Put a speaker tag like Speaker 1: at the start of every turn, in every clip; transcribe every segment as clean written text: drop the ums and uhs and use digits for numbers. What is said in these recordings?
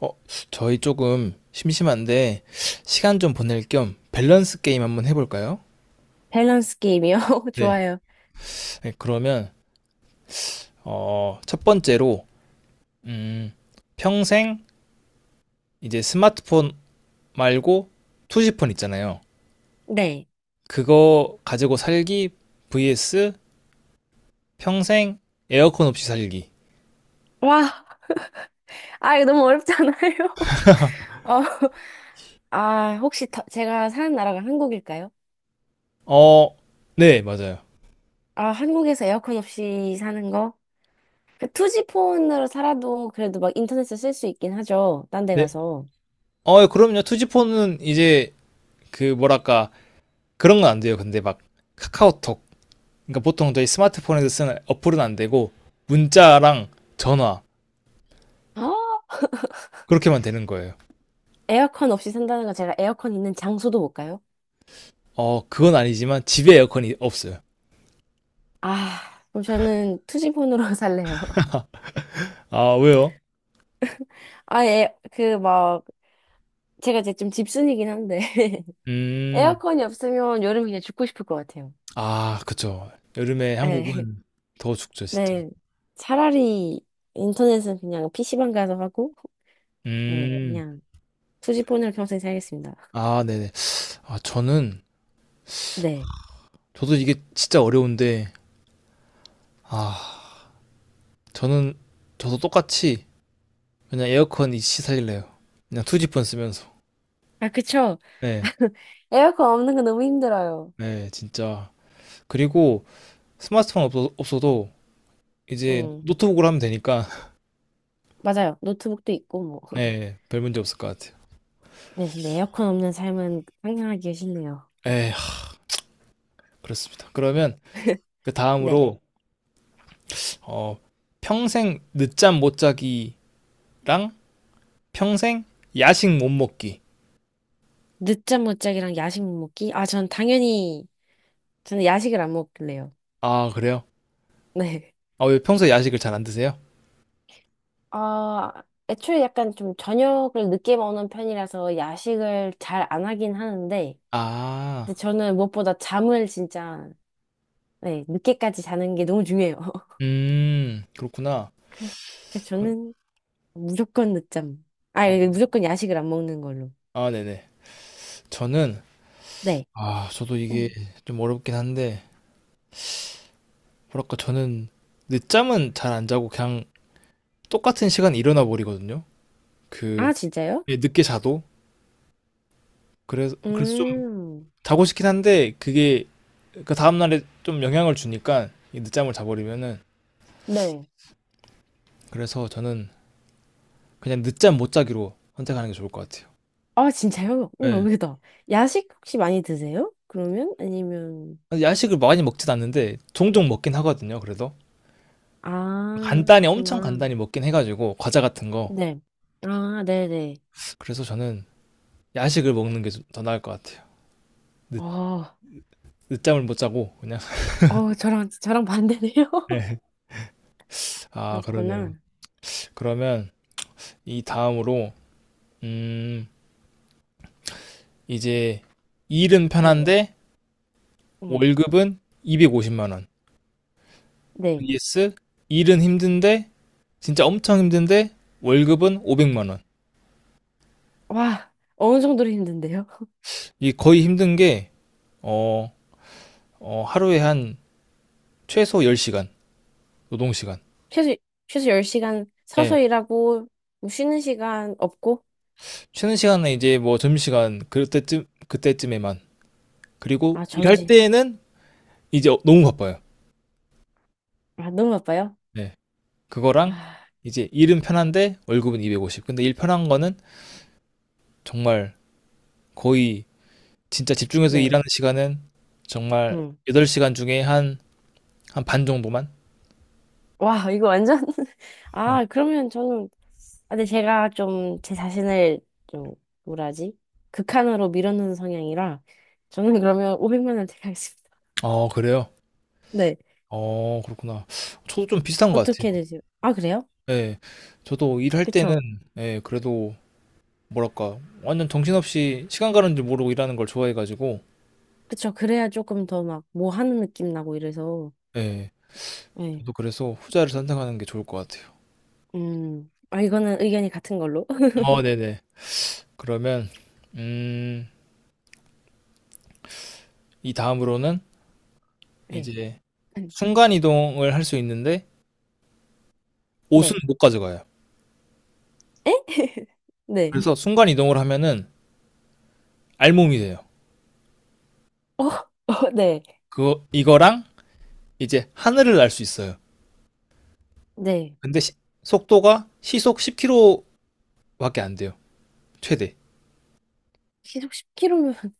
Speaker 1: 어, 저희 조금 심심한데 시간 좀 보낼 겸 밸런스 게임 한번 해볼까요?
Speaker 2: 밸런스 게임이요?
Speaker 1: 네.
Speaker 2: 좋아요.
Speaker 1: 네, 그러면 첫 번째로 음, 평생 이제 스마트폰 말고 투지폰 있잖아요.
Speaker 2: 네.
Speaker 1: 그거 가지고 살기 vs 평생 에어컨 없이 살기.
Speaker 2: 와, 아, 이거 너무 어렵잖아요. 어, 아, 혹시 제가 사는 나라가 한국일까요?
Speaker 1: 어, 네, 맞아요.
Speaker 2: 아, 한국에서 에어컨 없이 사는 거? 그 투지 폰으로 살아도 그래도 막 인터넷을 쓸 수 있긴 하죠. 딴 데
Speaker 1: 네.
Speaker 2: 가서.
Speaker 1: 그럼요. 투지폰은 이제 그 뭐랄까 그런 건 안 돼요. 근데 막 카카오톡, 그러니까 보통 저희 스마트폰에서 쓰는 어플은 안 되고 문자랑 전화,
Speaker 2: 아,
Speaker 1: 그렇게만 되는 거예요.
Speaker 2: 에어컨 없이 산다는 건 제가 에어컨 있는 장소도 못 가요?
Speaker 1: 그건 아니지만 집에 에어컨이 없어요.
Speaker 2: 아, 그럼 저는 투지 폰으로 살래요.
Speaker 1: 아, 왜요?
Speaker 2: 아, 예, 그 막, 제가 이제 좀 집순이긴 한데,
Speaker 1: 음,
Speaker 2: 에어컨이 없으면 여름 그냥 죽고 싶을 것 같아요.
Speaker 1: 아, 그쵸. 여름에
Speaker 2: 예.
Speaker 1: 한국은 더 춥죠, 진짜.
Speaker 2: 네. 차라리 인터넷은 그냥 PC방 가서 하고, 네,
Speaker 1: 음,
Speaker 2: 그냥 투지폰으로 평생 살겠습니다.
Speaker 1: 아, 네네. 아, 저는
Speaker 2: 네.
Speaker 1: 저도 이게 진짜 어려운데, 아, 저는 저도 똑같이 그냥 에어컨 이씨 살릴래요. 그냥 투지폰 쓰면서.
Speaker 2: 아, 그쵸.
Speaker 1: 네,
Speaker 2: 에어컨 없는 건 너무 힘들어요.
Speaker 1: 네, 진짜. 그리고 스마트폰 없어도 이제
Speaker 2: 음,
Speaker 1: 노트북으로 하면 되니까
Speaker 2: 맞아요. 노트북도 있고, 뭐.
Speaker 1: 네, 별 문제 없을 것 같아요.
Speaker 2: 네, 네. 에어컨 없는 삶은 상상하기 싫네요.
Speaker 1: 에, 하, 그렇습니다. 그러면 그
Speaker 2: 네.
Speaker 1: 다음으로 어, 평생 늦잠 못 자기랑 평생 야식 못 먹기.
Speaker 2: 늦잠 못 자기랑 야식 못 먹기? 아, 전 당연히, 저는 야식을 안 먹길래요.
Speaker 1: 아, 그래요?
Speaker 2: 네.
Speaker 1: 아, 왜 평소에 야식을 잘 안 드세요?
Speaker 2: 아, 애초에 약간 좀 저녁을 늦게 먹는 편이라서 야식을 잘 안 하긴 하는데,
Speaker 1: 아,
Speaker 2: 근데 저는 무엇보다 잠을 진짜, 네, 늦게까지 자는 게 너무 중요해요.
Speaker 1: 그렇구나.
Speaker 2: 그래서, 그래서
Speaker 1: 그럼-
Speaker 2: 저는 무조건 늦잠. 아,
Speaker 1: 아,
Speaker 2: 이거 무조건 야식을 안 먹는 걸로.
Speaker 1: 아, 네네. 저는,
Speaker 2: 네.
Speaker 1: 아, 저도 이게 좀 어렵긴 한데 뭐랄까 저는 늦잠은 잘 안 자고 그냥 똑같은 시간에 일어나 버리거든요. 그
Speaker 2: 아, 진짜요?
Speaker 1: 예, 늦게 자도, 그래서
Speaker 2: 음,
Speaker 1: 자고 싶긴 한데 그게 그 다음 날에 좀 영향을 주니까, 이 늦잠을 자버리면은.
Speaker 2: 네.
Speaker 1: 그래서 저는 그냥 늦잠 못 자기로 선택하는 게 좋을 것 같아요.
Speaker 2: 아, 진짜요? 우와,
Speaker 1: 예.
Speaker 2: 의외다. 야식 혹시 많이 드세요? 그러면? 아니면,
Speaker 1: 야식을 많이 먹진 않는데 종종 먹긴 하거든요. 그래도
Speaker 2: 아,
Speaker 1: 간단히, 엄청
Speaker 2: 그렇구나.
Speaker 1: 간단히 먹긴 해가지고, 과자 같은 거.
Speaker 2: 네. 아, 네네.
Speaker 1: 그래서 저는 야식을 먹는 게 더 나을 것 같아요. 늦,
Speaker 2: 어,
Speaker 1: 늦잠을 못 자고 그냥.
Speaker 2: 저랑 반대네요.
Speaker 1: 네. 아, 그러네요.
Speaker 2: 그렇구나.
Speaker 1: 그러면 이 다음으로 음 이제 일은
Speaker 2: 네.
Speaker 1: 편한데
Speaker 2: 음,
Speaker 1: 월급은 250만 원.
Speaker 2: 네.
Speaker 1: vs 일은 힘든데, 진짜 엄청 힘든데 월급은 500만 원.
Speaker 2: 와, 어느 정도로 힘든데요?
Speaker 1: 이 거의 힘든 게, 어, 하루에 한 최소 10시간 노동 시간. 노동시간.
Speaker 2: 최소, 최소 10시간
Speaker 1: 예.
Speaker 2: 서서 일하고, 뭐 쉬는 시간 없고,
Speaker 1: 쉬는 시간은 이제 뭐 점심시간, 그때쯤에만. 그리고
Speaker 2: 아,
Speaker 1: 일할
Speaker 2: 점심.
Speaker 1: 때에는 이제 너무 바빠요.
Speaker 2: 아, 너무 바빠요?
Speaker 1: 네. 그거랑
Speaker 2: 아,
Speaker 1: 이제 일은 편한데 월급은 250. 근데 일 편한 거는 정말 거의, 진짜 집중해서
Speaker 2: 네.
Speaker 1: 일하는 시간은 정말
Speaker 2: 음.
Speaker 1: 8시간 중에 한 한 반 정도만.
Speaker 2: 와, 이거 완전.
Speaker 1: 네.
Speaker 2: 아, 그러면 저는, 아, 근데 제가 좀 제 자신을 좀, 뭐라지? 극한으로 밀어넣는 성향이라, 저는 그러면 500만 원 택하겠습니다.
Speaker 1: 그래요.
Speaker 2: 네.
Speaker 1: 그렇구나. 저도 좀 비슷한 것 같아요.
Speaker 2: 어떻게 되세요? 아, 그래요?
Speaker 1: 예. 저도 일할 때는,
Speaker 2: 그쵸.
Speaker 1: 예, 그래도 뭐랄까 완전 정신없이 시간 가는 줄 모르고 일하는 걸 좋아해 가지고,
Speaker 2: 그쵸. 그래야 조금 더 막, 뭐 하는 느낌 나고 이래서.
Speaker 1: 예,
Speaker 2: 네.
Speaker 1: 저도 그래서 후자를 선택하는 게 좋을 것 같아요.
Speaker 2: 음. 아, 이거는 의견이 같은 걸로.
Speaker 1: 네네. 그러면 음 이 다음으로는
Speaker 2: 네.
Speaker 1: 이제
Speaker 2: 음.
Speaker 1: 순간 이동을 할 수 있는데 옷은
Speaker 2: 네.
Speaker 1: 못 가져가요.
Speaker 2: 에? 네.
Speaker 1: 그래서 순간 이동을 하면은 알몸이 돼요.
Speaker 2: 어, 어, 네.
Speaker 1: 그거, 이거랑 이제 하늘을 날 수 있어요.
Speaker 2: 네.
Speaker 1: 근데 시 속도가 시속 10km 밖에 안 돼요. 최대.
Speaker 2: 시속 10km면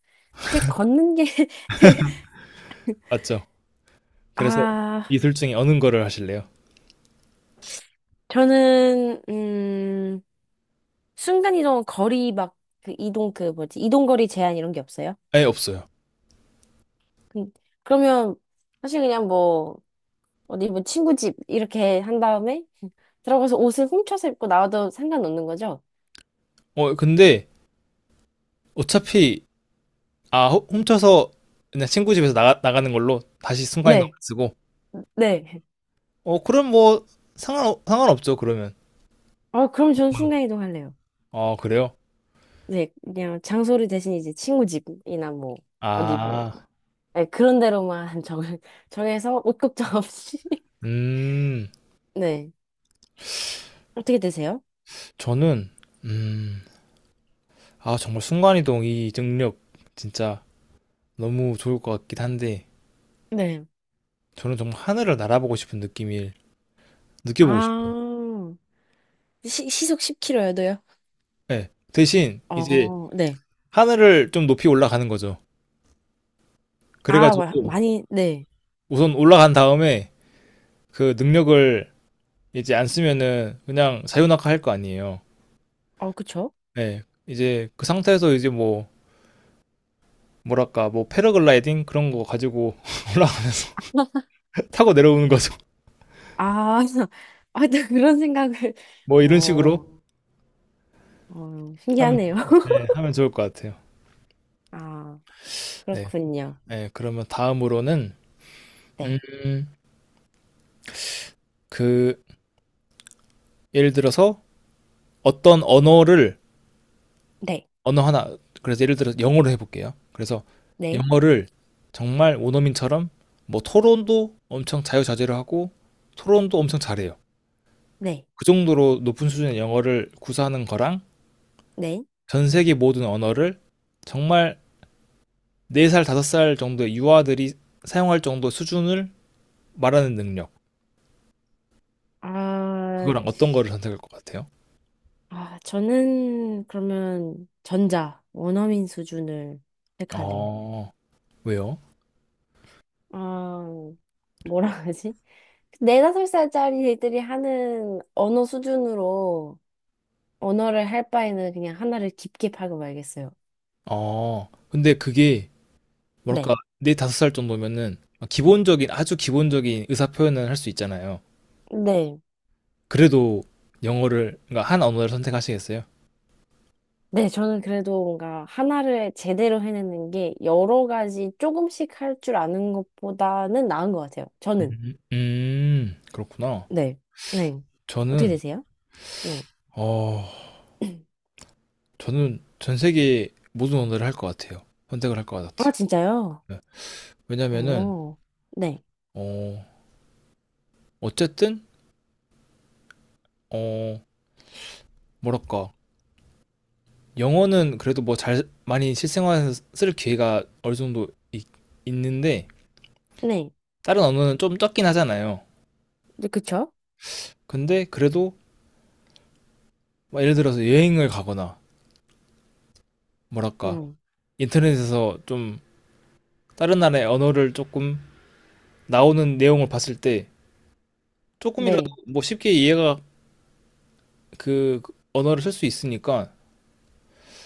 Speaker 2: 그냥 걷는 게
Speaker 1: 맞죠? 그래서 이
Speaker 2: 아,
Speaker 1: 둘 중에 어느 거를 하실래요?
Speaker 2: 저는 순간 이동 거리 막 그 이동, 그 뭐지? 이동 거리 제한 이런 게 없어요?
Speaker 1: 아예 없어요.
Speaker 2: 그, 그러면 사실 그냥 뭐 어디 뭐 친구 집 이렇게 한 다음에 들어가서 옷을 훔쳐서 입고 나와도 상관없는 거죠?
Speaker 1: 근데 어차피, 아, 훔쳐서, 그냥 친구 집에서 나가는 걸로 다시 순간이동
Speaker 2: 네,
Speaker 1: 안 쓰고,
Speaker 2: 네.
Speaker 1: 그럼 뭐 상관없죠 그러면.
Speaker 2: 어, 그럼 저는 순간 이동할래요.
Speaker 1: 아, 그래요?
Speaker 2: 네, 그냥 장소를 대신 이제 친구 집이나 뭐, 어디 뭐,
Speaker 1: 아,
Speaker 2: 네, 그런 데로만 정해서 옷 걱정 없이.
Speaker 1: 음
Speaker 2: 네. 어떻게 되세요?
Speaker 1: 저는, 음 아, 정말 순간이동 이 능력, 진짜 너무 좋을 것 같긴 한데
Speaker 2: 네.
Speaker 1: 저는 정말 하늘을 날아보고 싶은 느낌을 느껴보고 싶어요.
Speaker 2: 아, 시속 10km여도요?
Speaker 1: 네. 대신 이제
Speaker 2: 어, 네.
Speaker 1: 하늘을 좀 높이 올라가는 거죠.
Speaker 2: 아,
Speaker 1: 그래가지고
Speaker 2: 많이, 네.
Speaker 1: 우선 올라간 다음에 그 능력을 이제 안 쓰면은 그냥 사유낙하 할 거 아니에요.
Speaker 2: 어, 그쵸?
Speaker 1: 네. 이제 그 상태에서 이제 뭐, 뭐랄까, 뭐 패러글라이딩 그런 거 가지고 올라가면서 타고 내려오는 거죠.
Speaker 2: 아, 아, 또 그런 생각을,
Speaker 1: 뭐 이런 식으로
Speaker 2: 어, 어,
Speaker 1: 하면,
Speaker 2: 신기하네요.
Speaker 1: 네, 하면 좋을 것 같아요.
Speaker 2: 아,
Speaker 1: 네.
Speaker 2: 그렇군요.
Speaker 1: 네, 그러면 다음으로는
Speaker 2: 네.
Speaker 1: 음, 그 예를 들어서 어떤 언어를,
Speaker 2: 네.
Speaker 1: 언어 하나, 그래서 예를 들어서 영어로 해볼게요. 그래서
Speaker 2: 네.
Speaker 1: 영어를 정말 원어민처럼 뭐 토론도 엄청 자유자재로 하고 토론도 엄청 잘해요.
Speaker 2: 네.
Speaker 1: 그 정도로 높은 수준의 영어를 구사하는 거랑,
Speaker 2: 네.
Speaker 1: 전 세계 모든 언어를 정말 4살, 5살 정도의 유아들이 사용할 정도 수준을 말하는 능력.
Speaker 2: 아,
Speaker 1: 그거랑 어떤 거를 선택할 것 같아요?
Speaker 2: 아, 저는 그러면 전자, 원어민 수준을 택할래요.
Speaker 1: 어, 왜요?
Speaker 2: 아, 뭐라 하지? 네다섯 살짜리 애들이 하는 언어 수준으로 언어를 할 바에는 그냥 하나를 깊게 파고 말겠어요.
Speaker 1: 근데 그게
Speaker 2: 네.
Speaker 1: 뭐랄까 네 다섯 살 정도면은 기본적인, 아주 기본적인 의사 표현을 할 수 있잖아요.
Speaker 2: 네.
Speaker 1: 그래도 영어를, 그러니까 한 언어를 선택하시겠어요?
Speaker 2: 네, 저는 그래도 뭔가 하나를 제대로 해내는 게 여러 가지 조금씩 할 줄 아는 것보다는 나은 것 같아요. 저는.
Speaker 1: 그렇구나.
Speaker 2: 네. 네. 어떻게
Speaker 1: 저는
Speaker 2: 되세요? 네.
Speaker 1: 어 저는 전 세계 모든 언어를 할 것 같아요. 선택을 할 것
Speaker 2: 아,
Speaker 1: 같아요.
Speaker 2: 진짜요?
Speaker 1: 네. 왜냐면은
Speaker 2: 어. 네.
Speaker 1: 어 어쨌든 어 뭐랄까 영어는 그래도 뭐 잘 많이 실생활에서 쓸 기회가 어느 정도 있, 있는데
Speaker 2: 네.
Speaker 1: 다른 언어는 좀 적긴 하잖아요.
Speaker 2: 네, 그쵸?
Speaker 1: 근데 그래도 막 예를 들어서 여행을 가거나, 뭐랄까
Speaker 2: 음.
Speaker 1: 인터넷에서 좀 다른 나라의 언어를 조금 나오는 내용을 봤을 때 조금이라도
Speaker 2: 네.
Speaker 1: 뭐 쉽게 이해가, 그 언어를 쓸 수 있으니까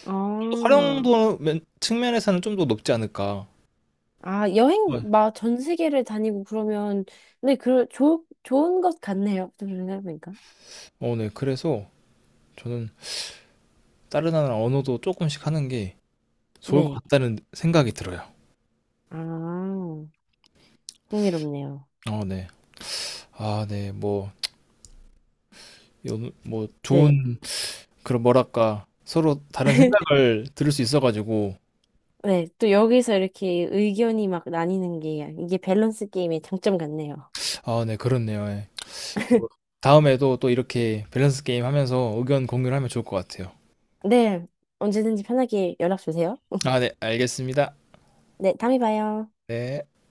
Speaker 2: 아.
Speaker 1: 활용도 측면에서는 좀 더 높지 않을까.
Speaker 2: 아, 여행
Speaker 1: 네.
Speaker 2: 막 전 세계를 다니고 그러면, 네, 좋은 것 같네요. 좀 생각해보니까.
Speaker 1: 네. 그래서 저는 다른 나라 언어도 조금씩 하는 게 좋을 것
Speaker 2: 네.
Speaker 1: 같다는 생각이 들어요.
Speaker 2: 아, 흥미롭네요.
Speaker 1: 네. 아, 네. 뭐, 뭐
Speaker 2: 네.
Speaker 1: 좋은, 그런 뭐랄까 서로 다른 생각을 들을 수 있어가지고.
Speaker 2: 네, 또 여기서 이렇게 의견이 막 나뉘는 게 이게 밸런스 게임의 장점 같네요.
Speaker 1: 아, 네. 그렇네요. 예. 다음에도 또 이렇게 밸런스 게임 하면서 의견 공유를 하면 좋을 것 같아요.
Speaker 2: 네, 언제든지 편하게 연락 주세요.
Speaker 1: 아, 네, 알겠습니다.
Speaker 2: 네, 다음에 봐요.
Speaker 1: 네.